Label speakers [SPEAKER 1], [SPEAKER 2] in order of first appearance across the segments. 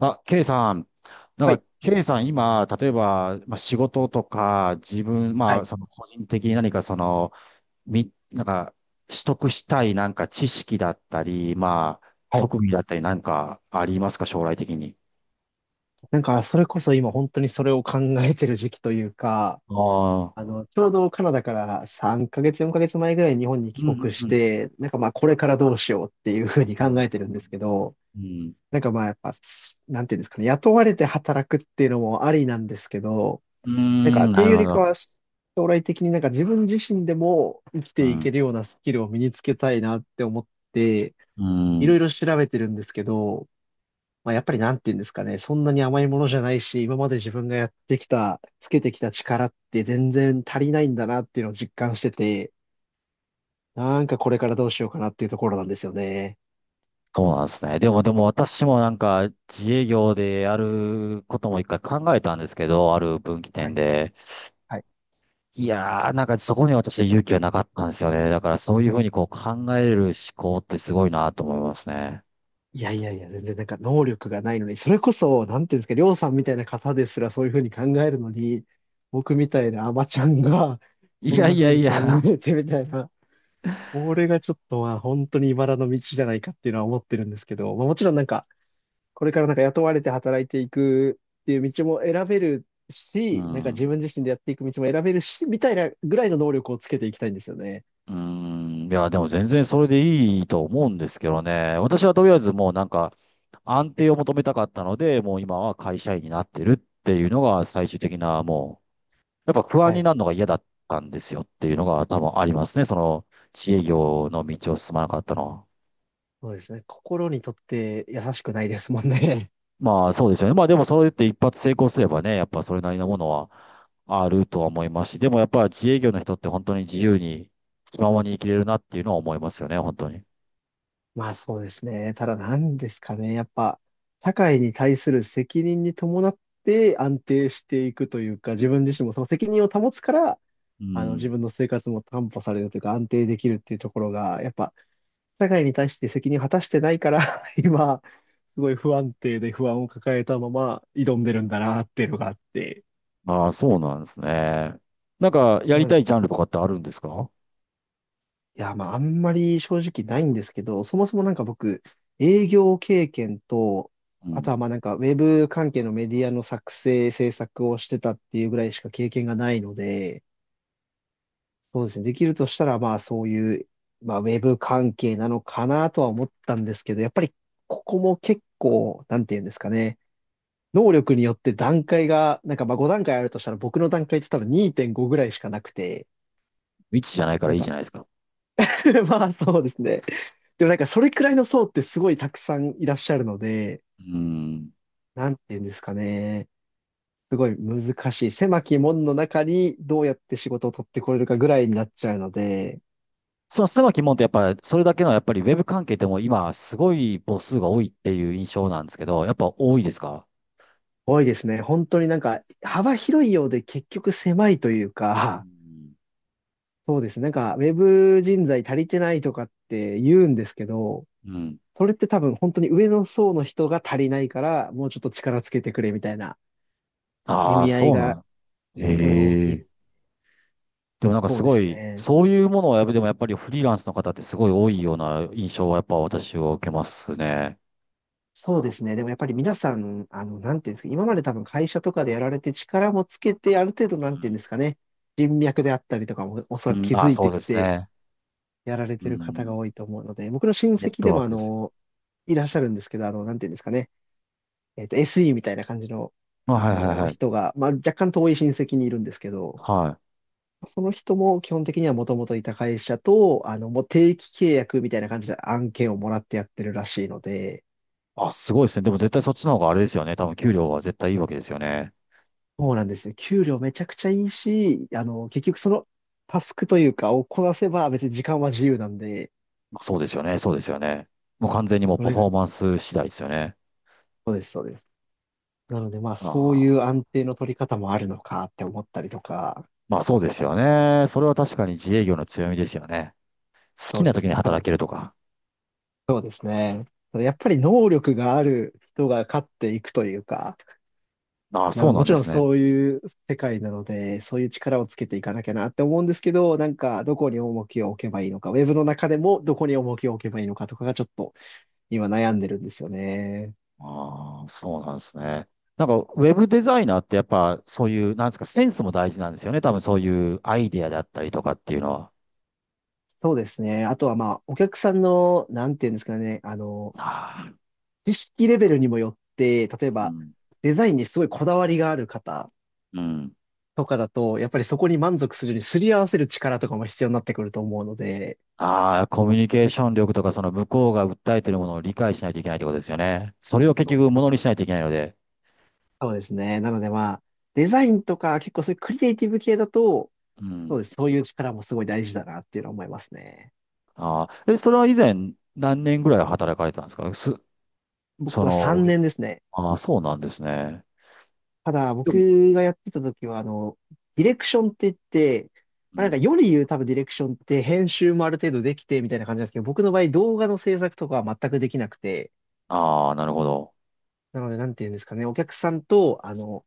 [SPEAKER 1] あ、ケイさん。
[SPEAKER 2] はい
[SPEAKER 1] ケイさん、今、例えば、仕事とか、自分、
[SPEAKER 2] はい
[SPEAKER 1] 個人的に何かその、み、なんか、取得したい知識だったり、
[SPEAKER 2] はい。
[SPEAKER 1] 特技だったりなんかありますか、将来的に。
[SPEAKER 2] なんか、それこそ今本当にそれを考えてる時期というか、
[SPEAKER 1] ああ。
[SPEAKER 2] ちょうどカナダから3ヶ月、4ヶ月前ぐらいに日本に
[SPEAKER 1] う
[SPEAKER 2] 帰
[SPEAKER 1] ん
[SPEAKER 2] 国
[SPEAKER 1] う
[SPEAKER 2] し
[SPEAKER 1] んうん。
[SPEAKER 2] て、なんかまあこれからどうしようっていうふうに
[SPEAKER 1] う
[SPEAKER 2] 考
[SPEAKER 1] ん。
[SPEAKER 2] えてるんですけど、なんかまあやっぱ、なんていうんですかね、雇われて働くっていうのもありなんですけど、
[SPEAKER 1] う
[SPEAKER 2] なんか
[SPEAKER 1] ん、
[SPEAKER 2] っ
[SPEAKER 1] ん
[SPEAKER 2] て
[SPEAKER 1] な
[SPEAKER 2] いう
[SPEAKER 1] る
[SPEAKER 2] よ
[SPEAKER 1] ほ
[SPEAKER 2] り
[SPEAKER 1] ど。
[SPEAKER 2] かは将来的になんか自分自身でも生き
[SPEAKER 1] う
[SPEAKER 2] てい
[SPEAKER 1] ん。
[SPEAKER 2] けるようなスキルを身につけたいなって思って、
[SPEAKER 1] う
[SPEAKER 2] いろ
[SPEAKER 1] ん。
[SPEAKER 2] いろ調べてるんですけど、まあ、やっぱりなんて言うんですかね、そんなに甘いものじゃないし、今まで自分がやってきた、つけてきた力って全然足りないんだなっていうのを実感してて、なんかこれからどうしようかなっていうところなんですよね。
[SPEAKER 1] そうなんですね。でも、でも私もなんか、自営業でやることも一回考えたんですけど、ある分岐
[SPEAKER 2] は
[SPEAKER 1] 点
[SPEAKER 2] い
[SPEAKER 1] で。
[SPEAKER 2] はい。
[SPEAKER 1] いやー、なんかそこに私は勇気はなかったんですよね。だからそういうふうにこう考える思考ってすごいなと思いますね。
[SPEAKER 2] いやいやいや、全然なんか能力がないのに、それこそ、なんていうんですか、りょうさんみたいな方ですらそういうふうに考えるのに、僕みたいなアマちゃんが
[SPEAKER 1] い
[SPEAKER 2] こん
[SPEAKER 1] や
[SPEAKER 2] な
[SPEAKER 1] い
[SPEAKER 2] ふ
[SPEAKER 1] や
[SPEAKER 2] う
[SPEAKER 1] い
[SPEAKER 2] に考
[SPEAKER 1] や。
[SPEAKER 2] えてみたいな、これがちょっとまあ本当に茨の道じゃないかっていうのは思ってるんですけど、まあ、もちろんなんか、これからなんか雇われて働いていくっていう道も選べる
[SPEAKER 1] う
[SPEAKER 2] し、なんか自
[SPEAKER 1] ん。
[SPEAKER 2] 分自身でやっていく道も選べるし、みたいなぐらいの能力をつけていきたいんですよね。
[SPEAKER 1] うん。いや、でも全然それでいいと思うんですけどね。私はとりあえずもうなんか安定を求めたかったので、もう今は会社員になってるっていうのが最終的なもう、やっぱ不安
[SPEAKER 2] は
[SPEAKER 1] に
[SPEAKER 2] い。
[SPEAKER 1] なるのが嫌だったんですよっていうのが多分ありますね。その自営業の道を進まなかったのは。
[SPEAKER 2] そうですね。心にとって優しくないですもんね。
[SPEAKER 1] まあそうですよね。まあでもそれって一発成功すればね、やっぱそれなりのものはあるとは思いますし、でもやっぱ自営業の人って本当に自由に気ままに生きれるなっていうのは思いますよね、本当に。
[SPEAKER 2] まあそうですね。ただ何ですかね。やっぱ、社会に対する責任に伴って安定していくというか、自分自身もその責任を保つから、
[SPEAKER 1] う
[SPEAKER 2] あの自
[SPEAKER 1] ん。
[SPEAKER 2] 分の生活も担保されるというか安定できるっていうところが、やっぱ社会に対して責任を果たしてないから、今、すごい不安定で不安を抱えたまま挑んでるんだなっていうのがあって、
[SPEAKER 1] ああ、そうなんですね。なんかや
[SPEAKER 2] う
[SPEAKER 1] りた
[SPEAKER 2] ん。
[SPEAKER 1] いジャンルとかってあるんですか？
[SPEAKER 2] いや、まあ、あんまり正直ないんですけど、そもそもなんか僕、営業経験と、
[SPEAKER 1] う
[SPEAKER 2] あと
[SPEAKER 1] ん。
[SPEAKER 2] はまあなんか、ウェブ関係のメディアの作成、制作をしてたっていうぐらいしか経験がないので、そうですね、できるとしたら、まあそういう、まあウェブ関係なのかなとは思ったんですけど、やっぱりここも結構、なんていうんですかね、能力によって段階が、なんかまあ5段階あるとしたら僕の段階って多分2.5ぐらいしかなくて、
[SPEAKER 1] 未知じゃないか
[SPEAKER 2] な
[SPEAKER 1] ら
[SPEAKER 2] ん
[SPEAKER 1] いいじ
[SPEAKER 2] か
[SPEAKER 1] ゃないですか。
[SPEAKER 2] まあそうですね。でもなんかそれくらいの層ってすごいたくさんいらっしゃるので、
[SPEAKER 1] うん。
[SPEAKER 2] なんて言うんですかね。すごい難しい。狭き門の中にどうやって仕事を取ってこれるかぐらいになっちゃうので、
[SPEAKER 1] その狭き門ってやっぱりそれだけのやっぱりウェブ関係でも今すごい母数が多いっていう印象なんですけど、やっぱ多いですか？
[SPEAKER 2] 多いですね。本当になんか幅広いようで結局狭いという
[SPEAKER 1] う
[SPEAKER 2] か、
[SPEAKER 1] ん。
[SPEAKER 2] そうですね。なんかウェブ人材足りてないとかって言うんですけど、
[SPEAKER 1] うん。
[SPEAKER 2] それって多分本当に上の層の人が足りないから、もうちょっと力つけてくれみたいな意
[SPEAKER 1] ああ、
[SPEAKER 2] 味合い
[SPEAKER 1] そうな
[SPEAKER 2] がす
[SPEAKER 1] ん。
[SPEAKER 2] ごい大き
[SPEAKER 1] え
[SPEAKER 2] い。
[SPEAKER 1] え。でもなんか
[SPEAKER 2] そ
[SPEAKER 1] す
[SPEAKER 2] うで
[SPEAKER 1] ご
[SPEAKER 2] す
[SPEAKER 1] い、
[SPEAKER 2] ね。
[SPEAKER 1] そういうものはやっぱでもやっぱりフリーランスの方ってすごい多いような印象はやっぱ私は受けますね。
[SPEAKER 2] そうですね。でもやっぱり皆さん、あの、なんていうんですか、今まで多分会社とかでやられて力もつけて、ある程度なんていうんですかね、人脈であったりとかもおそ
[SPEAKER 1] う
[SPEAKER 2] らく
[SPEAKER 1] ん。う
[SPEAKER 2] 気
[SPEAKER 1] ん
[SPEAKER 2] づ
[SPEAKER 1] あ、
[SPEAKER 2] い
[SPEAKER 1] そう
[SPEAKER 2] て
[SPEAKER 1] で
[SPEAKER 2] き
[SPEAKER 1] す
[SPEAKER 2] て
[SPEAKER 1] ね。
[SPEAKER 2] やられ
[SPEAKER 1] う
[SPEAKER 2] てる方が
[SPEAKER 1] ん。
[SPEAKER 2] 多いと思うので、僕の親
[SPEAKER 1] ネッ
[SPEAKER 2] 戚
[SPEAKER 1] ト
[SPEAKER 2] で
[SPEAKER 1] ワー
[SPEAKER 2] もあ
[SPEAKER 1] クです。
[SPEAKER 2] の、いらっしゃるんですけど、あの、なんていうんですかね、SE みたいな感じの、
[SPEAKER 1] あ、
[SPEAKER 2] あ
[SPEAKER 1] はいはい
[SPEAKER 2] の、
[SPEAKER 1] はい。
[SPEAKER 2] 人が、まあ若干遠い親戚にいるんですけど、
[SPEAKER 1] はい。
[SPEAKER 2] その人も基本的にはもともといた会社と、あの、もう定期契約みたいな感じで案件をもらってやってるらしいので、
[SPEAKER 1] あ、すごいですね。でも絶対そっちの方があれですよね。多分給料は絶対いいわけですよね。
[SPEAKER 2] そうなんですよ。給料めちゃくちゃいいし、あの、結局そのタスクというかをこなせば別に時間は自由なんで、
[SPEAKER 1] まあ、そうですよね。そうですよね。もう完全にもう
[SPEAKER 2] そ
[SPEAKER 1] パ
[SPEAKER 2] れ
[SPEAKER 1] フ
[SPEAKER 2] が、
[SPEAKER 1] ォーマンス次第ですよね。
[SPEAKER 2] そうです、そうです。なのでまあ
[SPEAKER 1] あ
[SPEAKER 2] そういう
[SPEAKER 1] あ。
[SPEAKER 2] 安定の取り方もあるのかって思ったりとか、
[SPEAKER 1] まあそうですよね。それは確かに自営業の強みですよね。好
[SPEAKER 2] そ
[SPEAKER 1] き
[SPEAKER 2] う
[SPEAKER 1] な
[SPEAKER 2] で
[SPEAKER 1] 時
[SPEAKER 2] す
[SPEAKER 1] に
[SPEAKER 2] ね。ただ、
[SPEAKER 1] 働けるとか。
[SPEAKER 2] そうですね。ただやっぱり能力がある人が勝っていくというか、
[SPEAKER 1] ああ、
[SPEAKER 2] な
[SPEAKER 1] そう
[SPEAKER 2] の、
[SPEAKER 1] な
[SPEAKER 2] も
[SPEAKER 1] ん
[SPEAKER 2] ち
[SPEAKER 1] で
[SPEAKER 2] ろん
[SPEAKER 1] すね。
[SPEAKER 2] そういう世界なので、そういう力をつけていかなきゃなって思うんですけど、なんかどこに重きを置けばいいのか、ウェブの中でもどこに重きを置けばいいのかとかがちょっと今悩んでるんですよね。
[SPEAKER 1] ああ、そうなんですね。なんか、ウェブデザイナーってやっぱ、そういう、なんですか、センスも大事なんですよね。多分そういうアイデアだったりとかっていうのは。
[SPEAKER 2] そうですね。あとはまあ、お客さんの、なんていうんですかね、あの、
[SPEAKER 1] あ
[SPEAKER 2] 知識レベルにもよって、例え
[SPEAKER 1] あ、う
[SPEAKER 2] ば
[SPEAKER 1] ん。
[SPEAKER 2] デザインにすごいこだわりがある方
[SPEAKER 1] うん。
[SPEAKER 2] とかだと、やっぱりそこに満足するようにすり合わせる力とかも必要になってくると思うので、
[SPEAKER 1] ああ、コミュニケーション力とか、その向こうが訴えてるものを理解しないといけないってことですよね。それを結
[SPEAKER 2] そ
[SPEAKER 1] 局、
[SPEAKER 2] う
[SPEAKER 1] ものにしないといけないので。
[SPEAKER 2] そうですね。なのでまあ、デザインとか結構そういうクリエイティブ系だと、
[SPEAKER 1] う
[SPEAKER 2] そ
[SPEAKER 1] ん。
[SPEAKER 2] うです。そういう力もすごい大事だなっていうのは思いますね。
[SPEAKER 1] ああ、え、それは以前、何年ぐらい働かれてたんですかす、そ
[SPEAKER 2] 僕は
[SPEAKER 1] の、
[SPEAKER 2] 3年ですね。
[SPEAKER 1] ああ、そうなんですね。
[SPEAKER 2] ただ、
[SPEAKER 1] でも、
[SPEAKER 2] 僕がやってた時は、あの、ディレクションって言って、
[SPEAKER 1] う
[SPEAKER 2] まあ、なん
[SPEAKER 1] ん。
[SPEAKER 2] か世に言う多分ディレクションって編集もある程度できてみたいな感じなんですけど、僕の場合動画の制作とかは全くできなくて、
[SPEAKER 1] ああ、なるほど。
[SPEAKER 2] なので、なんて言うんですかね、お客さんと、あの、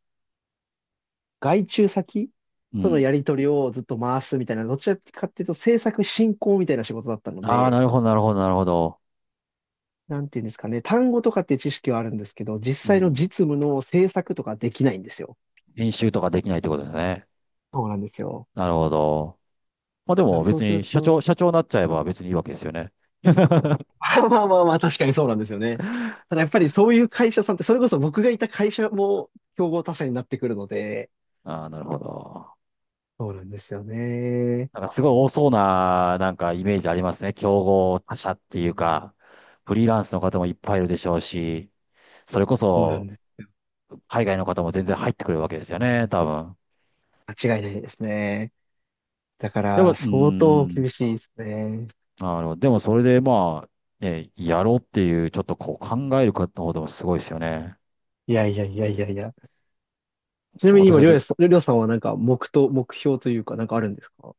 [SPEAKER 2] 外注先
[SPEAKER 1] う
[SPEAKER 2] との
[SPEAKER 1] ん。
[SPEAKER 2] やり取りをずっと回すみたいな、どちらかっていうと制作進行みたいな仕事だったの
[SPEAKER 1] ああ、な
[SPEAKER 2] で、
[SPEAKER 1] るほど、なるほど、なるほど。
[SPEAKER 2] なんていうんですかね、単語とかって知識はあるんですけど、実
[SPEAKER 1] う
[SPEAKER 2] 際の
[SPEAKER 1] ん。
[SPEAKER 2] 実務の制作とかできないんですよ。
[SPEAKER 1] 練習とかできないってことですね。
[SPEAKER 2] そうなんですよ。
[SPEAKER 1] なるほど。まあで
[SPEAKER 2] だから
[SPEAKER 1] も
[SPEAKER 2] そう
[SPEAKER 1] 別
[SPEAKER 2] す
[SPEAKER 1] に
[SPEAKER 2] る
[SPEAKER 1] 社長、
[SPEAKER 2] と、
[SPEAKER 1] 社長になっちゃえば別にいいわけですよね。
[SPEAKER 2] まあまあまあまあ、確かにそうなんですよね。ただやっぱりそういう会社さんって、それこそ僕がいた会社も競合他社になってくるので、
[SPEAKER 1] ああ、なるほど。
[SPEAKER 2] そうなんですよね。
[SPEAKER 1] なんかすごい多そうな、なんかイメージありますね。競合他社っていうか、フリーランスの方もいっぱいいるでしょうし、それこ
[SPEAKER 2] そうなん
[SPEAKER 1] そ
[SPEAKER 2] です。
[SPEAKER 1] 海外の方も全然入ってくるわけですよね、多分。
[SPEAKER 2] 間違いないですね。だか
[SPEAKER 1] やっぱ、
[SPEAKER 2] ら、
[SPEAKER 1] うー
[SPEAKER 2] 相当
[SPEAKER 1] ん、
[SPEAKER 2] 厳しいですね。
[SPEAKER 1] なるほど。でもそれでまあ、ね、やろうっていう、ちょっとこう考える方の方でもすごいですよね。
[SPEAKER 2] いやいやいやいやいや。ちなみに
[SPEAKER 1] 私
[SPEAKER 2] 今、
[SPEAKER 1] は
[SPEAKER 2] りょう
[SPEAKER 1] ぜ
[SPEAKER 2] やさん、りょうさんはなんか目標というか、なんかあるんですか？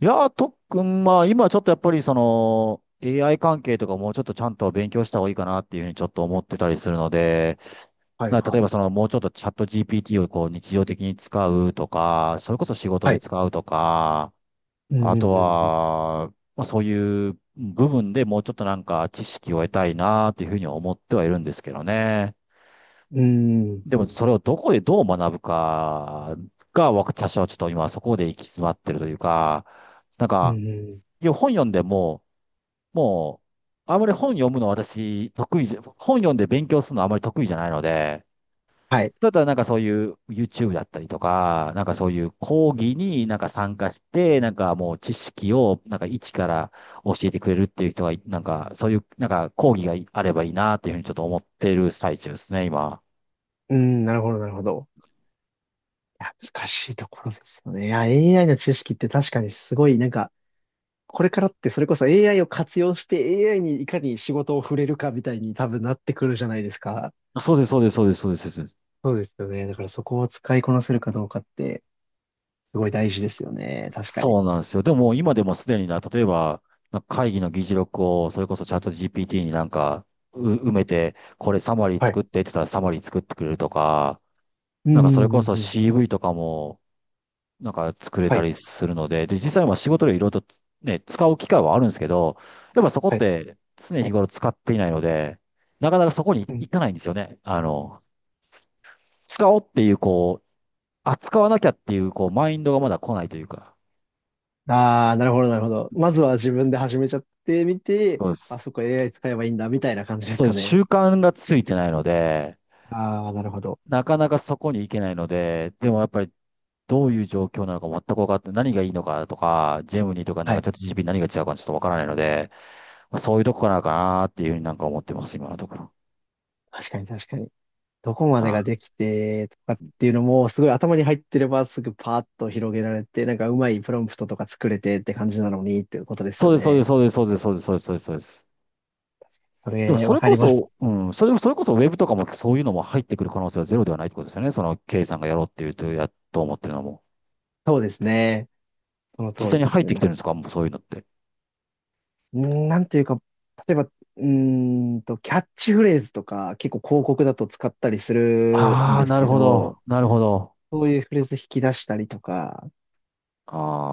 [SPEAKER 1] いやー、とっくん、まあ、今ちょっとやっぱりその、AI 関係とかもうちょっとちゃんと勉強した方がいいかなっていうふうにちょっと思ってたりするので、
[SPEAKER 2] はい
[SPEAKER 1] な例
[SPEAKER 2] は
[SPEAKER 1] え
[SPEAKER 2] い。
[SPEAKER 1] ばその、もうちょっとチャット GPT をこう日常的に使うとか、それこそ仕事
[SPEAKER 2] は
[SPEAKER 1] で
[SPEAKER 2] い。
[SPEAKER 1] 使うとか、
[SPEAKER 2] うんう
[SPEAKER 1] あと
[SPEAKER 2] んうん。
[SPEAKER 1] は、まあ、そういう部分でもうちょっとなんか知識を得たいなっていうふうには思ってはいるんですけどね。
[SPEAKER 2] うん、
[SPEAKER 1] でもそれをどこでどう学ぶかが、私はちょっと今そこで行き詰まってるというか、なん
[SPEAKER 2] う
[SPEAKER 1] か、
[SPEAKER 2] ん、
[SPEAKER 1] で本読んでも、もう、あまり本読むの私、得意じゃ、本読んで勉強するのあまり得意じゃないので、
[SPEAKER 2] はい。
[SPEAKER 1] だったらなんかそういう YouTube だったりとか、なんかそういう講義になんか参加して、なんかもう知識をなんか一から教えてくれるっていう人がい、なんかそういうなんか講義があればいいなっていうふうにちょっと思ってる最中ですね、今。
[SPEAKER 2] うん、なるほど、なるほど。いや、難しいところですよね。いや、AI の知識って確かにすごい、なんか、これからってそれこそ AI を活用して AI にいかに仕事を触れるかみたいに多分なってくるじゃないですか。
[SPEAKER 1] そうです、そうです、そうです、そうです。
[SPEAKER 2] そうですよね。だからそこを使いこなせるかどうかって、すごい大事ですよね。確かに。
[SPEAKER 1] そうなんですよ。でも今でもすでにな、例えば、なんか会議の議事録をそれこそチャット GPT になんかう埋めて、これサマリー
[SPEAKER 2] はい。
[SPEAKER 1] 作ってって言ったらサマリー作ってくれるとか、
[SPEAKER 2] う
[SPEAKER 1] なんか
[SPEAKER 2] ん、う
[SPEAKER 1] そ
[SPEAKER 2] ん、
[SPEAKER 1] れ
[SPEAKER 2] う
[SPEAKER 1] こそ
[SPEAKER 2] んうん。
[SPEAKER 1] CV とかもなんか作れ
[SPEAKER 2] は
[SPEAKER 1] た
[SPEAKER 2] い、
[SPEAKER 1] りするので、で、実際は仕事でいろいろとね、使う機会はあるんですけど、やっぱそこっ
[SPEAKER 2] はい。
[SPEAKER 1] て常日頃使っていないので、なかなかそこに
[SPEAKER 2] うん。
[SPEAKER 1] 行かないんですよね。あの、使おうっていうこう、あ、使わなきゃっていうこうマインドがまだ来ないというか。
[SPEAKER 2] ああ、なるほど、なるほど。
[SPEAKER 1] う
[SPEAKER 2] まず
[SPEAKER 1] ん
[SPEAKER 2] は自分で始めちゃってみて、
[SPEAKER 1] そうで
[SPEAKER 2] あ、
[SPEAKER 1] す。
[SPEAKER 2] そこ AI 使えばいいんだ、みたいな感じです
[SPEAKER 1] そうで
[SPEAKER 2] か
[SPEAKER 1] す。
[SPEAKER 2] ね。
[SPEAKER 1] 習慣がついてないので、
[SPEAKER 2] ああ、なるほど。
[SPEAKER 1] なかなかそこに行けないので、でもやっぱりどういう状況なのか全く分かって、何がいいのかとか、ジェムニーとかなん
[SPEAKER 2] は
[SPEAKER 1] か
[SPEAKER 2] い。
[SPEAKER 1] チャット GP 何が違うかちょっと分からないので、まあ、そういうとこかなかなっていうふうになんか思ってます、今のところ。
[SPEAKER 2] 確かに確かに。どこまでが
[SPEAKER 1] は
[SPEAKER 2] できてとかっ
[SPEAKER 1] い。
[SPEAKER 2] ていうのも、すごい頭に入ってればすぐパーッと広げられて、なんかうまいプロンプトとか作れてって感じなのにっていうことです
[SPEAKER 1] そう
[SPEAKER 2] よ
[SPEAKER 1] です、そうです、
[SPEAKER 2] ね。
[SPEAKER 1] そうです、そうです、そうです、そうです、そうです。そうです。
[SPEAKER 2] そ
[SPEAKER 1] でも
[SPEAKER 2] れ、
[SPEAKER 1] そ
[SPEAKER 2] わ
[SPEAKER 1] れ
[SPEAKER 2] か
[SPEAKER 1] こ
[SPEAKER 2] ります。
[SPEAKER 1] そ、うん、それ、それこそウェブとかもそういうのも入ってくる可能性はゼロではないってことですよね。その K さんがやろうっていうと、や、と思ってるのも。
[SPEAKER 2] そうですね。その通
[SPEAKER 1] 実際
[SPEAKER 2] り
[SPEAKER 1] に
[SPEAKER 2] で
[SPEAKER 1] 入
[SPEAKER 2] す
[SPEAKER 1] ってき
[SPEAKER 2] ね。
[SPEAKER 1] てるんですか？もうそういうのって。
[SPEAKER 2] なんていうか、例えば、キャッチフレーズとか、結構広告だと使ったりするん
[SPEAKER 1] ああ、
[SPEAKER 2] です
[SPEAKER 1] なる
[SPEAKER 2] け
[SPEAKER 1] ほ
[SPEAKER 2] ど、
[SPEAKER 1] ど、なるほど。
[SPEAKER 2] そういうフレーズ引き出したりとか、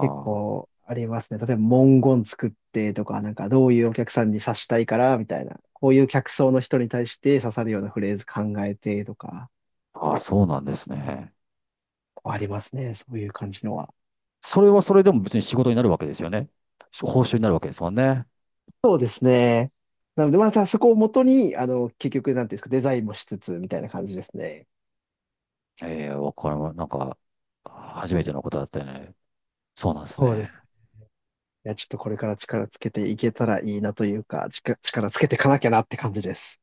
[SPEAKER 2] 結構ありますね。例えば文言作ってとか、なんかどういうお客さんに刺したいからみたいな、こういう客層の人に対して刺さるようなフレーズ考えてとか、
[SPEAKER 1] あ、あ、そうなんですね。
[SPEAKER 2] ありますね。そういう感じのは。
[SPEAKER 1] それはそれでも別に仕事になるわけですよね。報酬になるわけですもんね。
[SPEAKER 2] そうですね。なので、またそこを元に、あの、結局、なんていうんですか、デザインもしつつみたいな感じですね。
[SPEAKER 1] ええ、わかりま、なんか、初めてのことだったよね。そうなんです
[SPEAKER 2] そうで
[SPEAKER 1] ね。
[SPEAKER 2] す。いや、ちょっとこれから力つけていけたらいいなというか、力つけていかなきゃなって感じです。